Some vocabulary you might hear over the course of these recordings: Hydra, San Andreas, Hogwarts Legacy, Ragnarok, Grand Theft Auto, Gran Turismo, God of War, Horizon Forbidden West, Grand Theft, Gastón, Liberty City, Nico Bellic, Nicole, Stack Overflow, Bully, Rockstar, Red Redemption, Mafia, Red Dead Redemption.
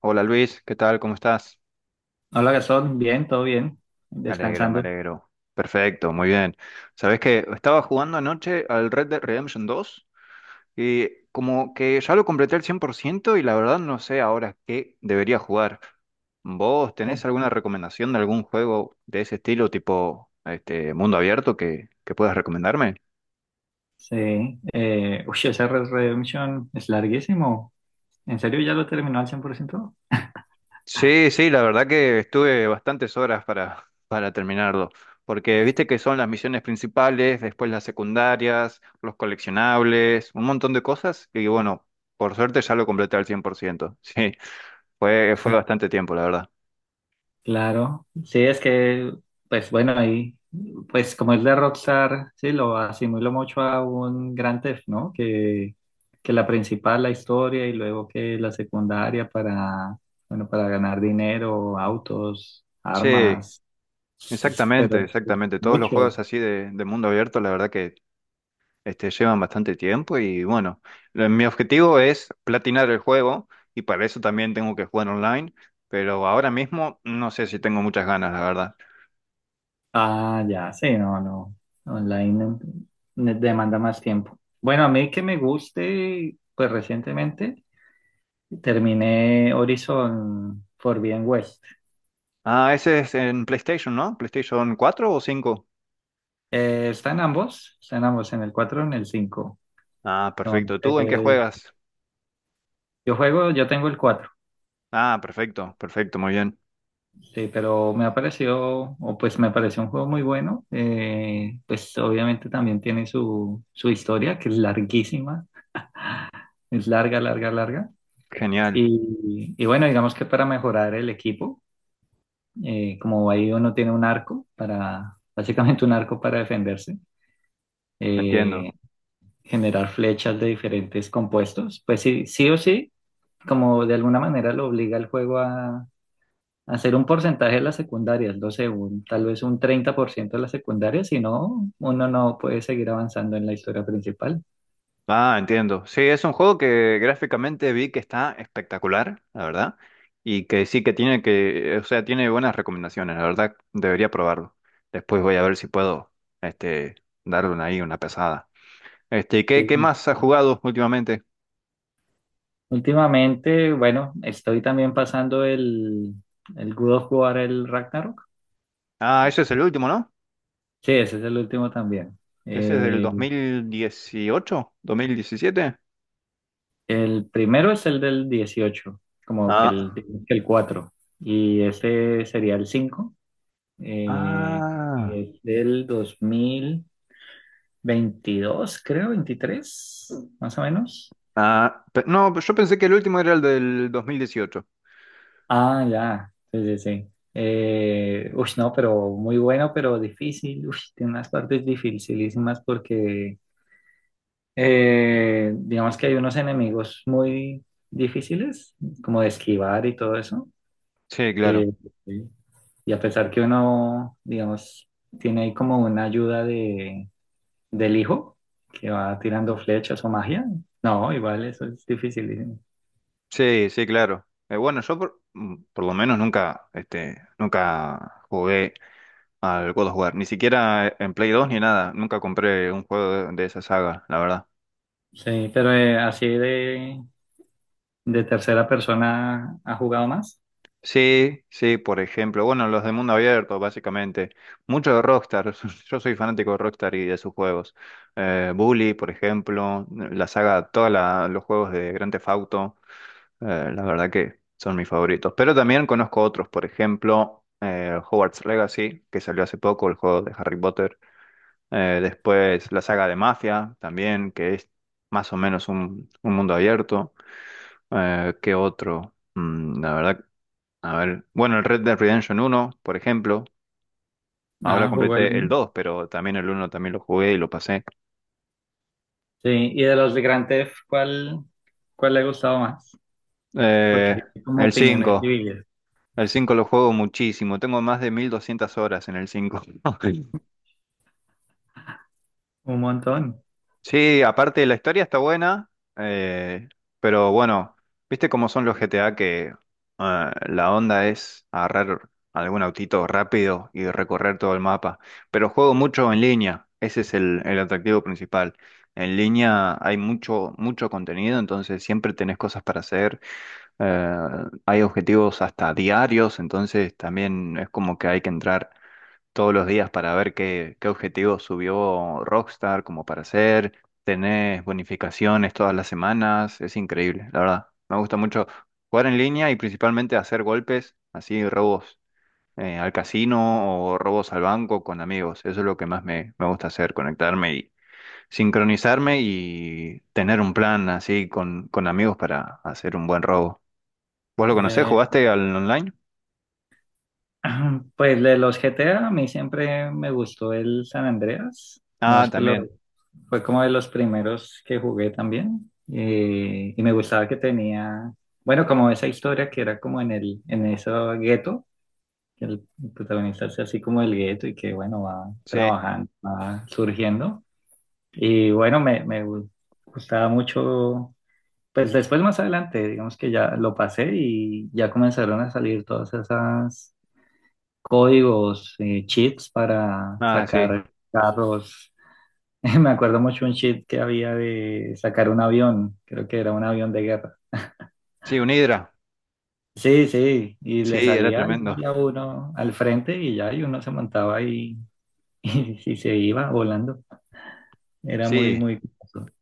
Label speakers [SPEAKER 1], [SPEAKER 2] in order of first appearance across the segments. [SPEAKER 1] Hola Luis, ¿qué tal? ¿Cómo estás?
[SPEAKER 2] Hola, Gastón. Bien, todo bien.
[SPEAKER 1] Me alegro, me
[SPEAKER 2] Descansando.
[SPEAKER 1] alegro. Perfecto, muy bien. Sabes que estaba jugando anoche al Red Dead Redemption dos y como que ya lo completé al 100% y la verdad no sé ahora qué debería jugar. ¿Vos tenés alguna recomendación de algún juego de ese estilo, tipo este mundo abierto que puedas recomendarme?
[SPEAKER 2] Sí. Uy, ese Red Redemption es larguísimo. ¿En serio ya lo terminó al 100%?
[SPEAKER 1] Sí, sí, la verdad que estuve bastantes horas para terminarlo, porque viste que son las misiones principales, después las secundarias, los coleccionables, un montón de cosas, y bueno, por suerte ya lo completé al 100%. Sí, fue bastante tiempo, la verdad.
[SPEAKER 2] Claro. Sí, es que, pues bueno, ahí, pues como es de Rockstar, sí, lo asimilo mucho a un Grand Theft, ¿no? Que la principal, la historia, y luego que la secundaria para, bueno, para ganar dinero, autos,
[SPEAKER 1] Sí,
[SPEAKER 2] armas, pero
[SPEAKER 1] exactamente,
[SPEAKER 2] es
[SPEAKER 1] exactamente, todos los juegos
[SPEAKER 2] mucho.
[SPEAKER 1] así de mundo abierto, la verdad que este, llevan bastante tiempo y bueno, mi objetivo es platinar el juego y para eso también tengo que jugar online, pero ahora mismo no sé si tengo muchas ganas, la verdad.
[SPEAKER 2] Ah, ya, sí, no, no. Online demanda más tiempo. Bueno, a mí que me guste, pues recientemente terminé Horizon Forbidden West.
[SPEAKER 1] Ah, ese es en PlayStation, ¿no? ¿PlayStation 4 o cinco?
[SPEAKER 2] Están ambos, están ambos en el 4 y en el 5.
[SPEAKER 1] Ah, perfecto. ¿Tú en qué
[SPEAKER 2] Entonces,
[SPEAKER 1] juegas?
[SPEAKER 2] yo tengo el 4.
[SPEAKER 1] Ah, perfecto, perfecto, muy bien.
[SPEAKER 2] Sí, pero me ha parecido, o pues me pareció un juego muy bueno. Pues obviamente también tiene su historia, que es larguísima, es larga, larga, larga.
[SPEAKER 1] Genial,
[SPEAKER 2] Y bueno, digamos que para mejorar el equipo, como ahí uno tiene un arco básicamente un arco para defenderse,
[SPEAKER 1] entiendo.
[SPEAKER 2] eh, generar flechas de diferentes compuestos, pues sí, sí o sí, como de alguna manera lo obliga el juego a hacer un porcentaje de las secundarias, no sé, tal vez un 30% de las secundarias. Si no, uno no puede seguir avanzando en la historia principal.
[SPEAKER 1] Ah, entiendo. Sí, es un juego que gráficamente vi que está espectacular, la verdad, y que sí que tiene que, o sea, tiene buenas recomendaciones, la verdad, debería probarlo. Después voy a ver si puedo, este, darle una ahí una pesada. Este, ¿Qué
[SPEAKER 2] Sí.
[SPEAKER 1] más has jugado últimamente?
[SPEAKER 2] Últimamente, bueno, estoy también pasando el God of War, el Ragnarok.
[SPEAKER 1] Ah, ese es el último, ¿no?
[SPEAKER 2] Sí, ese es el último también.
[SPEAKER 1] Ese es del dos
[SPEAKER 2] Eh,
[SPEAKER 1] dos mil dieciocho, 2017.
[SPEAKER 2] el primero es el del 18, como que el,
[SPEAKER 1] Ah,
[SPEAKER 2] digamos que el 4 y ese sería el cinco, eh, y
[SPEAKER 1] ah,
[SPEAKER 2] es del 2022, creo, 23, más o menos.
[SPEAKER 1] ah, no, yo pensé que el último era el del 2018.
[SPEAKER 2] Ah, ya, sí, sí, sí. Uy, no, pero muy bueno, pero difícil. Uy, tiene unas partes dificilísimas porque digamos que hay unos enemigos muy difíciles, como de esquivar y todo eso.
[SPEAKER 1] Sí, claro.
[SPEAKER 2] Eh. Sí. Y a pesar que uno, digamos, tiene ahí como una ayuda de, del hijo que va tirando flechas o magia, no, igual eso es difícil.
[SPEAKER 1] Sí, sí, claro. Bueno, yo por lo menos nunca, nunca jugué al God of War, ni siquiera en Play 2 ni nada. Nunca compré un juego de esa saga, la verdad.
[SPEAKER 2] Sí, pero así de tercera persona ha jugado más.
[SPEAKER 1] Sí, sí, por ejemplo, bueno, los de mundo abierto, básicamente. Mucho de Rockstar. Yo soy fanático de Rockstar y de sus juegos. Bully, por ejemplo, la saga, todos los juegos de Grand Theft Auto. La verdad que son mis favoritos. Pero también conozco otros, por ejemplo, Hogwarts Legacy, que salió hace poco, el juego de Harry Potter. Después la saga de Mafia, también, que es más o menos un mundo abierto. ¿Qué otro? La verdad, a ver. Bueno, el Red Dead Redemption uno por ejemplo. Ahora
[SPEAKER 2] Ah, jugó el
[SPEAKER 1] completé el
[SPEAKER 2] uno.
[SPEAKER 1] 2 pero también el uno también lo jugué y lo pasé.
[SPEAKER 2] Sí, y de los de Grand Theft, cuál le ha gustado más?
[SPEAKER 1] Eh,
[SPEAKER 2] Porque hay como
[SPEAKER 1] el
[SPEAKER 2] opiniones
[SPEAKER 1] 5
[SPEAKER 2] divididas,
[SPEAKER 1] El 5 lo juego muchísimo. Tengo más de 1.200 horas en el cinco.
[SPEAKER 2] un montón.
[SPEAKER 1] Sí, aparte la historia está buena, eh, pero bueno, viste cómo son los GTA que la onda es agarrar algún autito rápido y recorrer todo el mapa. Pero juego mucho en línea, ese es el atractivo principal. En línea hay mucho, mucho contenido, entonces siempre tenés cosas para hacer. eh, Hay objetivos hasta diarios, entonces también es como que hay que entrar todos los días para ver qué objetivos subió Rockstar como para hacer. Tenés bonificaciones todas las semanas. Es increíble, la verdad. Me gusta mucho jugar en línea y principalmente hacer golpes, así robos al casino o robos al banco con amigos. Eso es lo que más me gusta hacer, conectarme y sincronizarme y tener un plan así con amigos para hacer un buen robo. ¿Vos lo conocés?
[SPEAKER 2] Ve.
[SPEAKER 1] ¿Jugaste al online?
[SPEAKER 2] Pues de los GTA, a mí siempre me gustó el San Andreas.
[SPEAKER 1] Ah,
[SPEAKER 2] Digamos que lo,
[SPEAKER 1] también.
[SPEAKER 2] fue como de los primeros que jugué también. Y me gustaba que tenía, bueno, como esa historia que era como en en ese gueto, que el protagonista es así como el gueto y que, bueno, va
[SPEAKER 1] Sí.
[SPEAKER 2] trabajando, va surgiendo. Y bueno, me gustaba mucho. Pues después más adelante, digamos que ya lo pasé y ya comenzaron a salir todas esas códigos, cheats para
[SPEAKER 1] Ah, sí.
[SPEAKER 2] sacar carros. Me acuerdo mucho un cheat que había de sacar un avión, creo que era un avión de guerra.
[SPEAKER 1] Sí, un Hydra.
[SPEAKER 2] Sí, sí, y le
[SPEAKER 1] Sí, era
[SPEAKER 2] salía
[SPEAKER 1] tremendo.
[SPEAKER 2] ahí a uno al frente y ya, y uno se montaba y, y se iba volando. Era muy,
[SPEAKER 1] Sí,
[SPEAKER 2] muy curioso.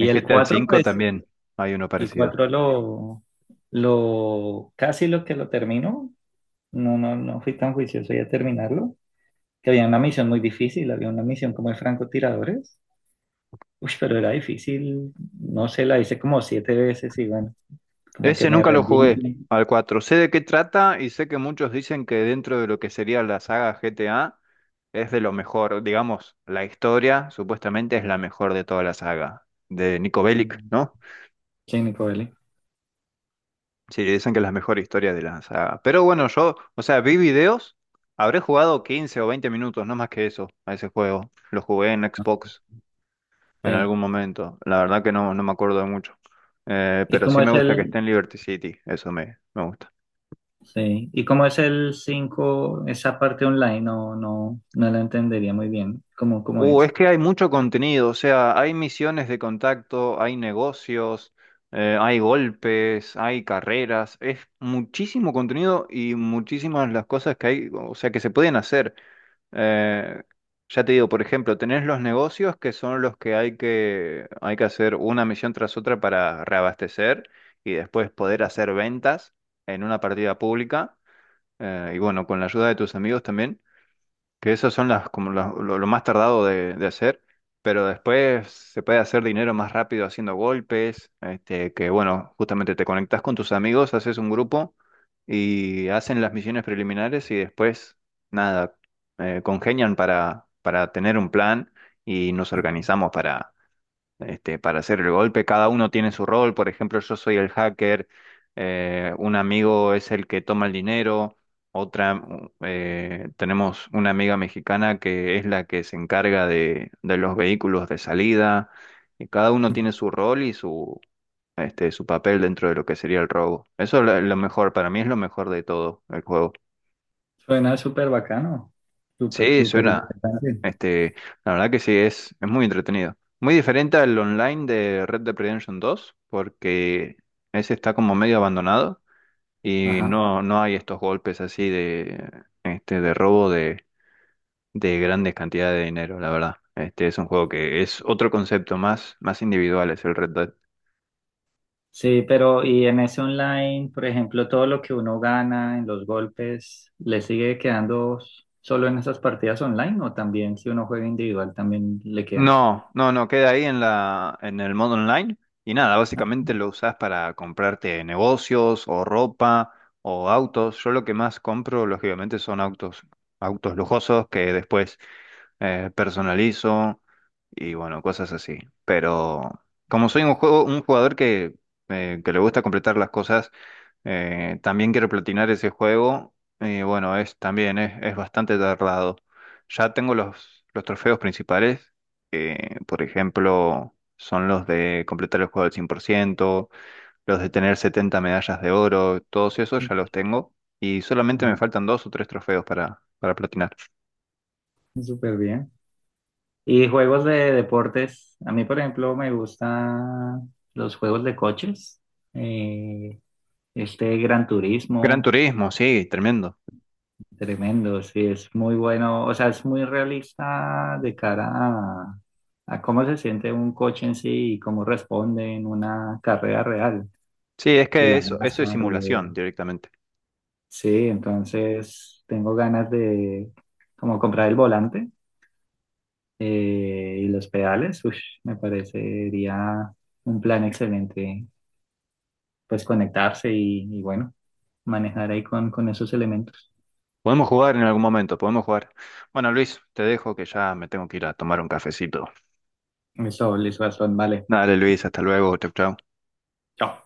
[SPEAKER 1] en
[SPEAKER 2] el
[SPEAKER 1] GTA
[SPEAKER 2] 4
[SPEAKER 1] V
[SPEAKER 2] pues,
[SPEAKER 1] también hay uno
[SPEAKER 2] el
[SPEAKER 1] parecido.
[SPEAKER 2] 4 casi lo que lo terminó. No, no, no fui tan juicioso ya terminarlo. Que había una misión muy difícil, había una misión como de francotiradores. Uy, pero era difícil, no sé, la hice como siete veces y bueno, como que
[SPEAKER 1] Ese
[SPEAKER 2] me
[SPEAKER 1] nunca lo jugué,
[SPEAKER 2] rendí.
[SPEAKER 1] al 4. Sé de qué trata y sé que muchos dicen que dentro de lo que sería la saga GTA es de lo mejor. Digamos, la historia supuestamente es la mejor de toda la saga, de Nico Bellic, ¿no?
[SPEAKER 2] Sí, Nicole.
[SPEAKER 1] Sí, dicen que es la mejor historia de la saga. Pero bueno, yo, o sea, vi videos, habré jugado 15 o 20 minutos, no más que eso, a ese juego. Lo jugué en
[SPEAKER 2] Sí.
[SPEAKER 1] Xbox en algún momento. La verdad que no, no me acuerdo de mucho.
[SPEAKER 2] ¿Y
[SPEAKER 1] Pero sí
[SPEAKER 2] cómo
[SPEAKER 1] me
[SPEAKER 2] es
[SPEAKER 1] gusta que esté en Liberty City, eso me gusta.
[SPEAKER 2] sí, y cómo es el cinco, esa parte online? No, no, no la entendería muy bien. ¿Cómo, cómo
[SPEAKER 1] Es
[SPEAKER 2] es?
[SPEAKER 1] que hay mucho contenido, o sea, hay misiones de contacto, hay negocios, hay golpes, hay carreras, es muchísimo contenido y muchísimas las cosas que hay, o sea, que se pueden hacer. Eh, ya te digo, por ejemplo, tenés los negocios que son los que hay que hacer una misión tras otra para reabastecer y después poder hacer ventas en una partida pública. Y bueno, con la ayuda de tus amigos también, que esas son las como lo más tardado de hacer, pero después se puede hacer dinero más rápido haciendo golpes, este, que bueno, justamente te conectas con tus amigos, haces un grupo y hacen las misiones preliminares y después nada, congenian para tener un plan y nos organizamos, este, para hacer el golpe. Cada uno tiene su rol. Por ejemplo, yo soy el hacker, un amigo es el que toma el dinero, otra, tenemos una amiga mexicana que es la que se encarga de los vehículos de salida. Y cada uno
[SPEAKER 2] Ujú.
[SPEAKER 1] tiene su rol y su papel dentro de lo que sería el robo. Eso es lo mejor, para mí es lo mejor de todo el juego.
[SPEAKER 2] Suena súper bacano, súper,
[SPEAKER 1] Sí,
[SPEAKER 2] súper
[SPEAKER 1] suena.
[SPEAKER 2] interesante.
[SPEAKER 1] Este, la verdad que sí, es muy entretenido. Muy diferente al online de Red Dead Redemption dos porque ese está como medio abandonado y
[SPEAKER 2] Ajá.
[SPEAKER 1] no, no hay estos golpes así de robo de grandes cantidades de dinero, la verdad. Este es un juego que es otro concepto más, más individual, es el Red Dead.
[SPEAKER 2] Sí, pero y en ese online, por ejemplo, todo lo que uno gana en los golpes, ¿le sigue quedando solo en esas partidas online, o también si uno juega individual también le queda?
[SPEAKER 1] No, no, no, queda ahí en el modo online y nada,
[SPEAKER 2] Ah,
[SPEAKER 1] básicamente lo usás para comprarte negocios o ropa o autos. Yo lo que más compro, lógicamente, son autos, autos lujosos que después personalizo y bueno, cosas así. Pero como soy un jugador que le gusta completar las cosas, también quiero platinar ese juego. Y bueno, es también es bastante tardado. Ya tengo los trofeos principales, que por ejemplo son los de completar el juego al 100%, los de tener 70 medallas de oro, todos esos ya los tengo. Y solamente me
[SPEAKER 2] ajá,
[SPEAKER 1] faltan dos o tres trofeos para platinar.
[SPEAKER 2] súper bien. Y juegos de deportes, a mí por ejemplo me gustan los juegos de coches, eh, este Gran
[SPEAKER 1] Gran
[SPEAKER 2] Turismo.
[SPEAKER 1] Turismo, sí, tremendo.
[SPEAKER 2] Tremendo, sí, es muy bueno, o sea, es muy realista de cara a cómo se siente un coche en sí y cómo responde en una carrera real
[SPEAKER 1] Sí, es
[SPEAKER 2] de
[SPEAKER 1] que
[SPEAKER 2] la
[SPEAKER 1] eso es
[SPEAKER 2] masa. De-
[SPEAKER 1] simulación directamente.
[SPEAKER 2] sí, entonces tengo ganas de como comprar el volante, y los pedales, ush, me parecería un plan excelente, pues conectarse y bueno, manejar ahí con esos elementos.
[SPEAKER 1] Podemos jugar en algún momento, podemos jugar. Bueno, Luis, te dejo que ya me tengo que ir a tomar un cafecito.
[SPEAKER 2] Eso, listo, Gastón, vale.
[SPEAKER 1] Dale Luis, hasta luego, chau chau.
[SPEAKER 2] Chao.